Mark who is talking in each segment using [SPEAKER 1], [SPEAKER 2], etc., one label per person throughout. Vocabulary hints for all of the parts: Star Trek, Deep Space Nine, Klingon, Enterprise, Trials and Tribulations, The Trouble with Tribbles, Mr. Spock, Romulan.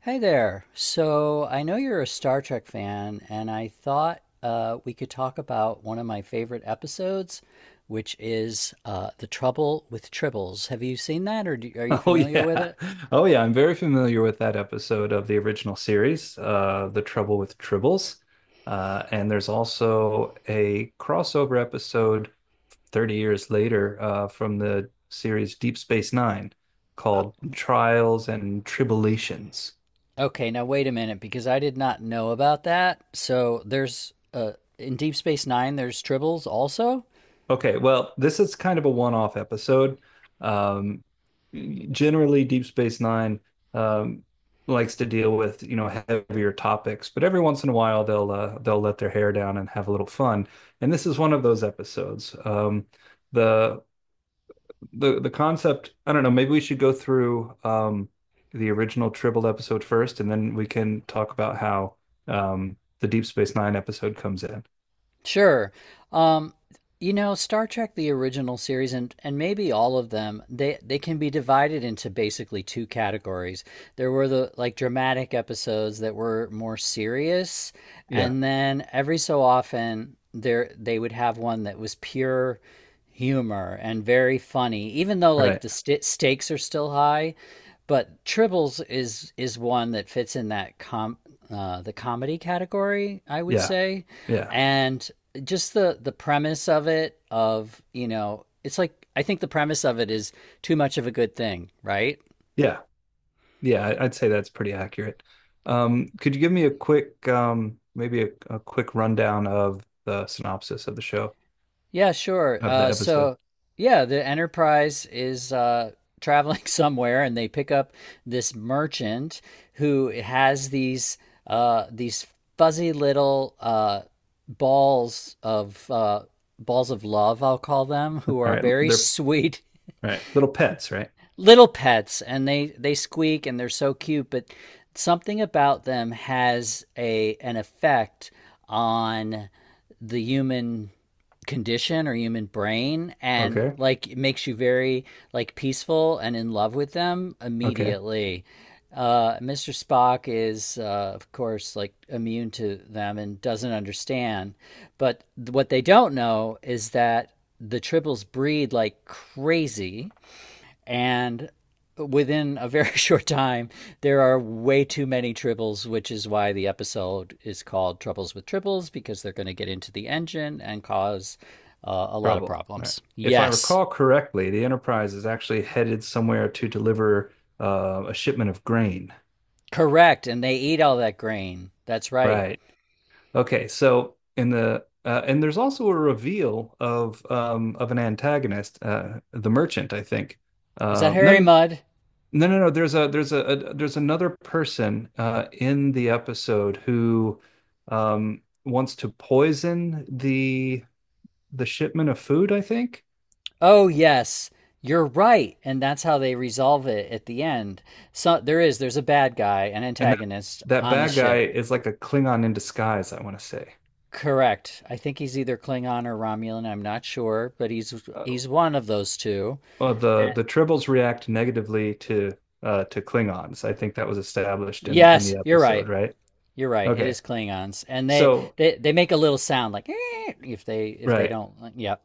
[SPEAKER 1] Hey there. So I know you're a Star Trek fan, and I thought we could talk about one of my favorite episodes, which is The Trouble with Tribbles. Have you seen that, are you
[SPEAKER 2] Oh
[SPEAKER 1] familiar with
[SPEAKER 2] yeah.
[SPEAKER 1] it?
[SPEAKER 2] Oh yeah, I'm very familiar with that episode of the original series, The Trouble with Tribbles. And there's also a crossover episode 30 years later from the series Deep Space Nine
[SPEAKER 1] Uh,
[SPEAKER 2] called Trials and Tribulations.
[SPEAKER 1] okay, now wait a minute, because I did not know about that. So there's in Deep Space Nine, there's Tribbles also?
[SPEAKER 2] Okay, well, this is kind of a one-off episode. Um, generally, Deep Space Nine um, likes to deal with, you know, heavier topics, but every once in a while they'll let their hair down and have a little fun. And this is one of those episodes. The the concept, I don't know, maybe we should go through the original Tribble episode first, and then we can talk about how the Deep Space Nine episode comes in.
[SPEAKER 1] Sure. Um, you know, Star Trek, the original series, and maybe all of them, they can be divided into basically two categories. There were the like dramatic episodes that were more serious,
[SPEAKER 2] Yeah,
[SPEAKER 1] and then every so often there they would have one that was pure humor and very funny, even though like
[SPEAKER 2] right.
[SPEAKER 1] the st stakes are still high. But Tribbles is one that fits in that com the comedy category, I would
[SPEAKER 2] Yeah,
[SPEAKER 1] say,
[SPEAKER 2] yeah,
[SPEAKER 1] and just the premise of it of, you know, it's like, I think the premise of it is too much of a good thing, right?
[SPEAKER 2] yeah. Yeah, I'd say that's pretty accurate. Could you give me a quick, maybe a quick rundown of the synopsis of the show,
[SPEAKER 1] Yeah, sure.
[SPEAKER 2] of the
[SPEAKER 1] uh,
[SPEAKER 2] episode?
[SPEAKER 1] so yeah, the enterprise is traveling somewhere and they pick up this merchant who has these these fuzzy little balls of uh, balls of love, I'll call them,
[SPEAKER 2] All
[SPEAKER 1] who are
[SPEAKER 2] right,
[SPEAKER 1] very
[SPEAKER 2] they're
[SPEAKER 1] sweet
[SPEAKER 2] Right. Little pets, right?
[SPEAKER 1] little pets, and they squeak and they're so cute, but something about them has a an effect on the human condition or human brain, and
[SPEAKER 2] Okay.
[SPEAKER 1] like it makes you very like peaceful and in love with them
[SPEAKER 2] Okay.
[SPEAKER 1] immediately. Mr. Spock is, of course, like immune to them and doesn't understand. But what they don't know is that the tribbles breed like crazy, and within a very short time there are way too many triples, which is why the episode is called Troubles with Triples, because they're going to get into the engine and cause a lot of
[SPEAKER 2] Trouble. All right.
[SPEAKER 1] problems,
[SPEAKER 2] If I
[SPEAKER 1] yes.
[SPEAKER 2] recall correctly, the Enterprise is actually headed somewhere to deliver a shipment of grain.
[SPEAKER 1] Correct, and they eat all that grain, that's right.
[SPEAKER 2] Right. Okay. So in the and there's also a reveal of an antagonist, the merchant, I think.
[SPEAKER 1] Is that
[SPEAKER 2] Um, no,
[SPEAKER 1] Harry Mud?
[SPEAKER 2] no. There's there's another person in the episode who wants to poison the shipment of food, I think.
[SPEAKER 1] Oh yes, you're right, and that's how they resolve it at the end. So there is, there's a bad guy, an
[SPEAKER 2] And that
[SPEAKER 1] antagonist
[SPEAKER 2] that
[SPEAKER 1] on the
[SPEAKER 2] bad guy
[SPEAKER 1] ship.
[SPEAKER 2] is like a Klingon in disguise, I want to say.
[SPEAKER 1] Correct. I think he's either Klingon or Romulan. I'm not sure, but
[SPEAKER 2] Uh,
[SPEAKER 1] he's one of those two.
[SPEAKER 2] the
[SPEAKER 1] And—
[SPEAKER 2] the Tribbles react negatively to Klingons. I think that was established in
[SPEAKER 1] yes,
[SPEAKER 2] the
[SPEAKER 1] you're right.
[SPEAKER 2] episode, right?
[SPEAKER 1] You're right. It
[SPEAKER 2] Okay.
[SPEAKER 1] is Klingons, and they
[SPEAKER 2] So,
[SPEAKER 1] they, they make a little sound like "Eh," if they
[SPEAKER 2] right.
[SPEAKER 1] don't. Like, yep.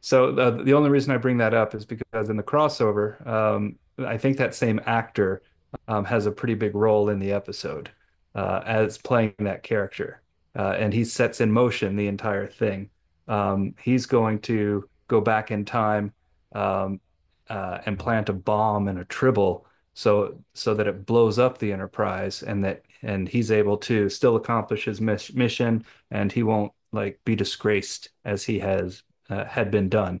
[SPEAKER 2] So the only reason I bring that up is because in the crossover, I think that same actor has a pretty big role in the episode as playing that character, and he sets in motion the entire thing. He's going to go back in time um, and plant a bomb and a tribble so that it blows up the Enterprise, and that and he's able to still accomplish his mission, and he won't like be disgraced as he has had been done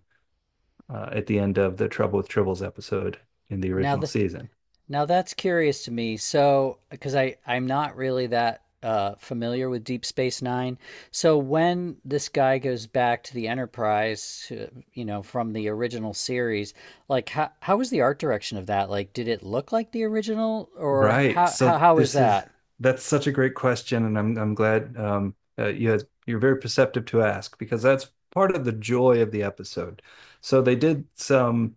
[SPEAKER 2] at the end of the Trouble with Tribbles episode in the
[SPEAKER 1] Now
[SPEAKER 2] original
[SPEAKER 1] the
[SPEAKER 2] season.
[SPEAKER 1] Now that's curious to me. So, because I'm not really that familiar with Deep Space Nine. So when this guy goes back to the Enterprise, you know, from the original series, like how was the art direction of that? Like, did it look like the original, or
[SPEAKER 2] Right.
[SPEAKER 1] how how
[SPEAKER 2] So
[SPEAKER 1] how was
[SPEAKER 2] this is
[SPEAKER 1] that?
[SPEAKER 2] that's such a great question, and I'm glad you're very perceptive to ask because that's part of the joy of the episode. So they did some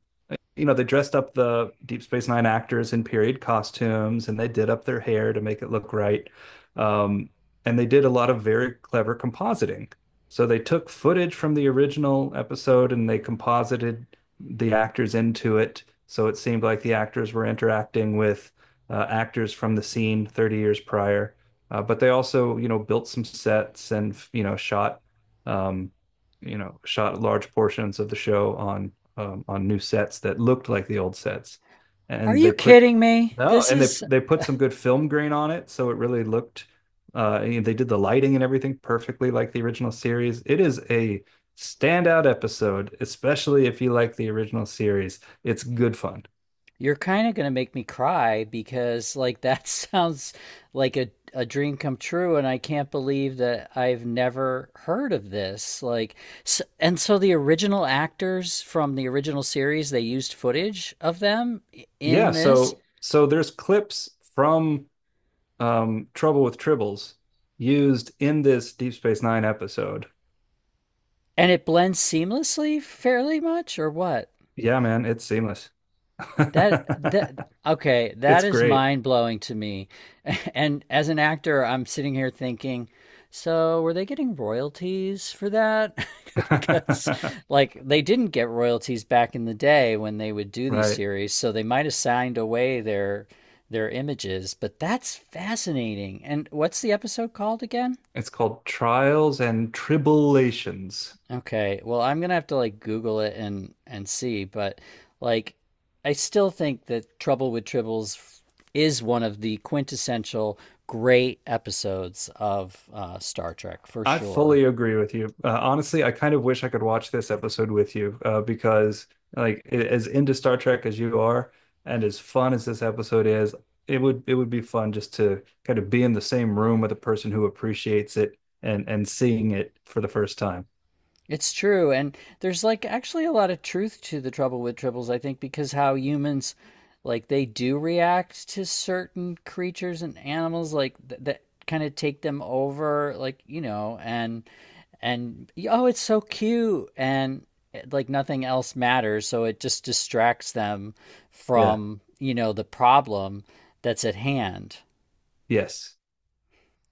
[SPEAKER 2] you know, they dressed up the Deep Space Nine actors in period costumes and they did up their hair to make it look right. Um, and they did a lot of very clever compositing. So they took footage from the original episode and they composited the actors into it. So it seemed like the actors were interacting with actors from the scene 30 years prior. But they also, you know, built some sets and, you know, um, you know, shot large portions of the show on new sets that looked like the old sets,
[SPEAKER 1] Are
[SPEAKER 2] and
[SPEAKER 1] you
[SPEAKER 2] they put
[SPEAKER 1] kidding me?
[SPEAKER 2] no,
[SPEAKER 1] This
[SPEAKER 2] and they
[SPEAKER 1] is—
[SPEAKER 2] they put some good film grain on it, so it really looked. You They did the lighting and everything perfectly like the original series. It is a standout episode, especially if you like the original series. It's good fun.
[SPEAKER 1] you're kind of going to make me cry because, like, that sounds like a dream come true, and I can't believe that I've never heard of this. Like, s and so the original actors from the original series, they used footage of them in
[SPEAKER 2] Yeah,
[SPEAKER 1] this,
[SPEAKER 2] so there's clips from Trouble with Tribbles used in this Deep Space Nine episode.
[SPEAKER 1] and it blends seamlessly, fairly much, or what?
[SPEAKER 2] Yeah, man, it's seamless.
[SPEAKER 1] That that okay,
[SPEAKER 2] It's
[SPEAKER 1] that is
[SPEAKER 2] great.
[SPEAKER 1] mind blowing to me. And as an actor, I'm sitting here thinking, so were they getting royalties for that? Because like they didn't get royalties back in the day when they would do these
[SPEAKER 2] Right.
[SPEAKER 1] series, so they might have signed away their images, but that's fascinating. And what's the episode called again?
[SPEAKER 2] It's called Trials and Tribulations.
[SPEAKER 1] Okay. Well, I'm gonna have to like Google it and see, but like I still think that Trouble with Tribbles is one of the quintessential great episodes of Star Trek for
[SPEAKER 2] I
[SPEAKER 1] sure.
[SPEAKER 2] fully agree with you. Honestly, I kind of wish I could watch this episode with you because, like, as into Star Trek as you are, and as fun as this episode is, it would be fun just to kind of be in the same room with a person who appreciates it and seeing it for the first time.
[SPEAKER 1] It's true, and there's like actually a lot of truth to the Trouble with Tribbles, I think, because how humans, like they do react to certain creatures and animals, that kind of take them over, like, you know, and, oh, it's so cute, and eh, like nothing else matters. So it just distracts them
[SPEAKER 2] Yeah.
[SPEAKER 1] from, you know, the problem that's at hand.
[SPEAKER 2] Yes.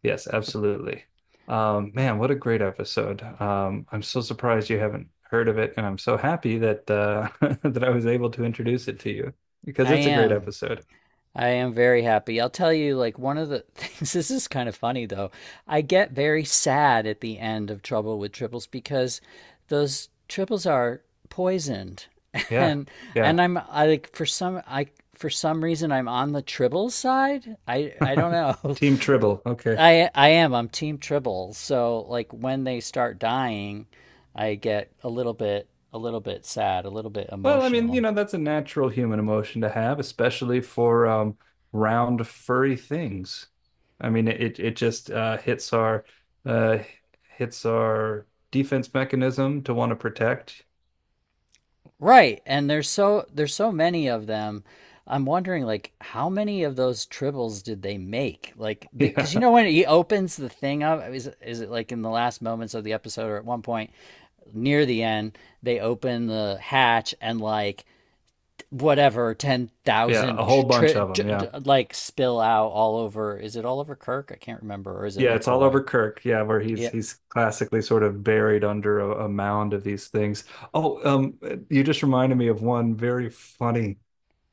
[SPEAKER 2] Yes. Absolutely. Man, what a great episode. I'm so surprised you haven't heard of it, and I'm so happy that that I was able to introduce it to you because
[SPEAKER 1] I
[SPEAKER 2] it's a great
[SPEAKER 1] am
[SPEAKER 2] episode.
[SPEAKER 1] I am very happy. I'll tell you, like, one of the things, this is kind of funny though. I get very sad at the end of Trouble with Triples because those triples are poisoned.
[SPEAKER 2] Yeah.
[SPEAKER 1] And
[SPEAKER 2] Yeah.
[SPEAKER 1] and I like, for some reason I'm on the tribbles side. I don't
[SPEAKER 2] Team
[SPEAKER 1] know.
[SPEAKER 2] Tribble. Okay.
[SPEAKER 1] I am. I'm team Triples. So like when they start dying, I get a little bit sad, a little bit
[SPEAKER 2] Well, I mean, you
[SPEAKER 1] emotional.
[SPEAKER 2] know, that's a natural human emotion to have, especially for round furry things. I mean, it just hits uh our defense mechanism to want to protect.
[SPEAKER 1] Right. And there's so, there's so many of them. I'm wondering, like, how many of those triples did they make? Like, because, you
[SPEAKER 2] Yeah.
[SPEAKER 1] know, when he opens the thing up, is it like in the last moments of the episode or at one point near the end they open the hatch and like whatever
[SPEAKER 2] Yeah,
[SPEAKER 1] 10,000
[SPEAKER 2] a whole bunch
[SPEAKER 1] tri-
[SPEAKER 2] of them. Yeah.
[SPEAKER 1] like spill out all over. Is it all over Kirk? I can't remember, or is it
[SPEAKER 2] Yeah, it's all
[SPEAKER 1] McCoy?
[SPEAKER 2] over Kirk. Yeah, where
[SPEAKER 1] Yeah.
[SPEAKER 2] he's classically sort of buried under a mound of these things. Oh, you just reminded me of one very funny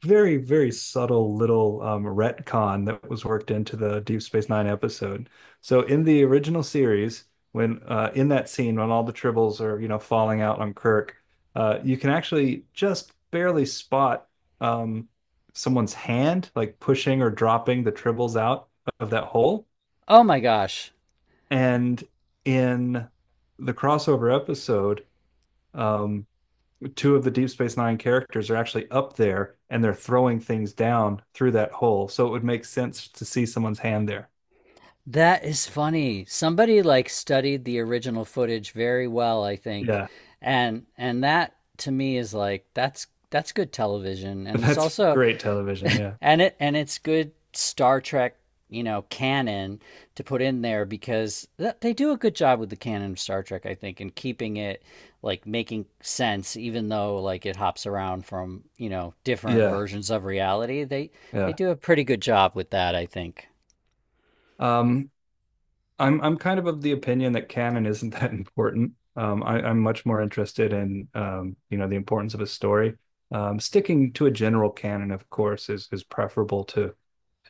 [SPEAKER 2] very, very subtle little retcon that was worked into the Deep Space Nine episode. So in the original series, when in that scene when all the tribbles are you know falling out on Kirk, you can actually just barely spot um, someone's hand like pushing or dropping the tribbles out of that hole.
[SPEAKER 1] Oh my gosh.
[SPEAKER 2] And in the crossover episode, um, two of the Deep Space Nine characters are actually up there and they're throwing things down through that hole. So it would make sense to see someone's hand there.
[SPEAKER 1] That is funny. Somebody like studied the original footage very well, I think.
[SPEAKER 2] Yeah.
[SPEAKER 1] And that to me is like, that's good television, and it's
[SPEAKER 2] That's
[SPEAKER 1] also
[SPEAKER 2] great television. Yeah.
[SPEAKER 1] and it, and it's good Star Trek, you know, canon to put in there because they do a good job with the canon of Star Trek, I think, and keeping it like making sense, even though like it hops around from, you know, different
[SPEAKER 2] Yeah.
[SPEAKER 1] versions of reality. They
[SPEAKER 2] Yeah.
[SPEAKER 1] do a pretty good job with that, I think.
[SPEAKER 2] Um, I'm kind of the opinion that canon isn't that important. I'm much more interested in you know, the importance of a story. Sticking to a general canon, of course, is preferable to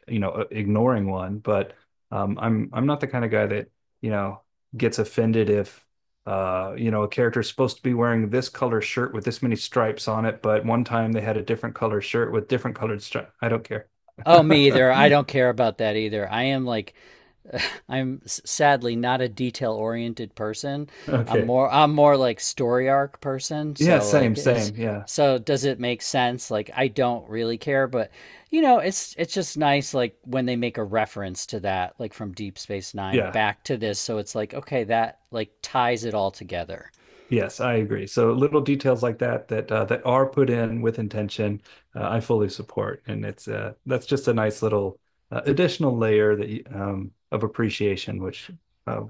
[SPEAKER 2] you know ignoring one, but I'm not the kind of guy that you know gets offended if you know a character is supposed to be wearing this color shirt with this many stripes on it, but one time they had a different color shirt with different colored stripes. I don't care.
[SPEAKER 1] Oh, me either. I don't care about that either. I am like, I'm sadly not a detail oriented person.
[SPEAKER 2] Okay,
[SPEAKER 1] I'm more like story arc person.
[SPEAKER 2] yeah,
[SPEAKER 1] So like,
[SPEAKER 2] same,
[SPEAKER 1] is
[SPEAKER 2] same, yeah,
[SPEAKER 1] so does it make sense? Like, I don't really care, but, you know, it's just nice like when they make a reference to that, like from Deep Space Nine
[SPEAKER 2] yeah.
[SPEAKER 1] back to this. So it's like, okay, that like ties it all together.
[SPEAKER 2] Yes, I agree. So little details like that that are put in with intention, I fully support, and it's that's just a nice little additional layer that of appreciation, uh,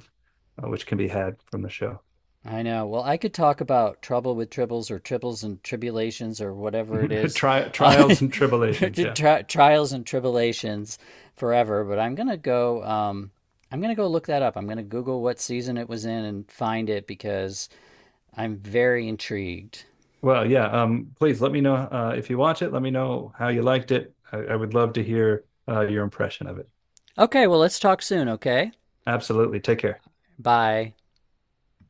[SPEAKER 2] which can be had from the show.
[SPEAKER 1] I know. Well, I could talk about Trouble with Tribbles or Tribbles and Tribulations or whatever it is, uh,
[SPEAKER 2] Trials and tribulations. Yeah.
[SPEAKER 1] Trials and Tribulations forever. But I'm gonna go. I'm gonna go look that up. I'm gonna Google what season it was in and find it because I'm very intrigued.
[SPEAKER 2] Well, yeah. Please let me know if you watch it. Let me know how you liked it. I would love to hear your impression of it.
[SPEAKER 1] Okay. Well, let's talk soon. Okay.
[SPEAKER 2] Absolutely. Take care.
[SPEAKER 1] Bye.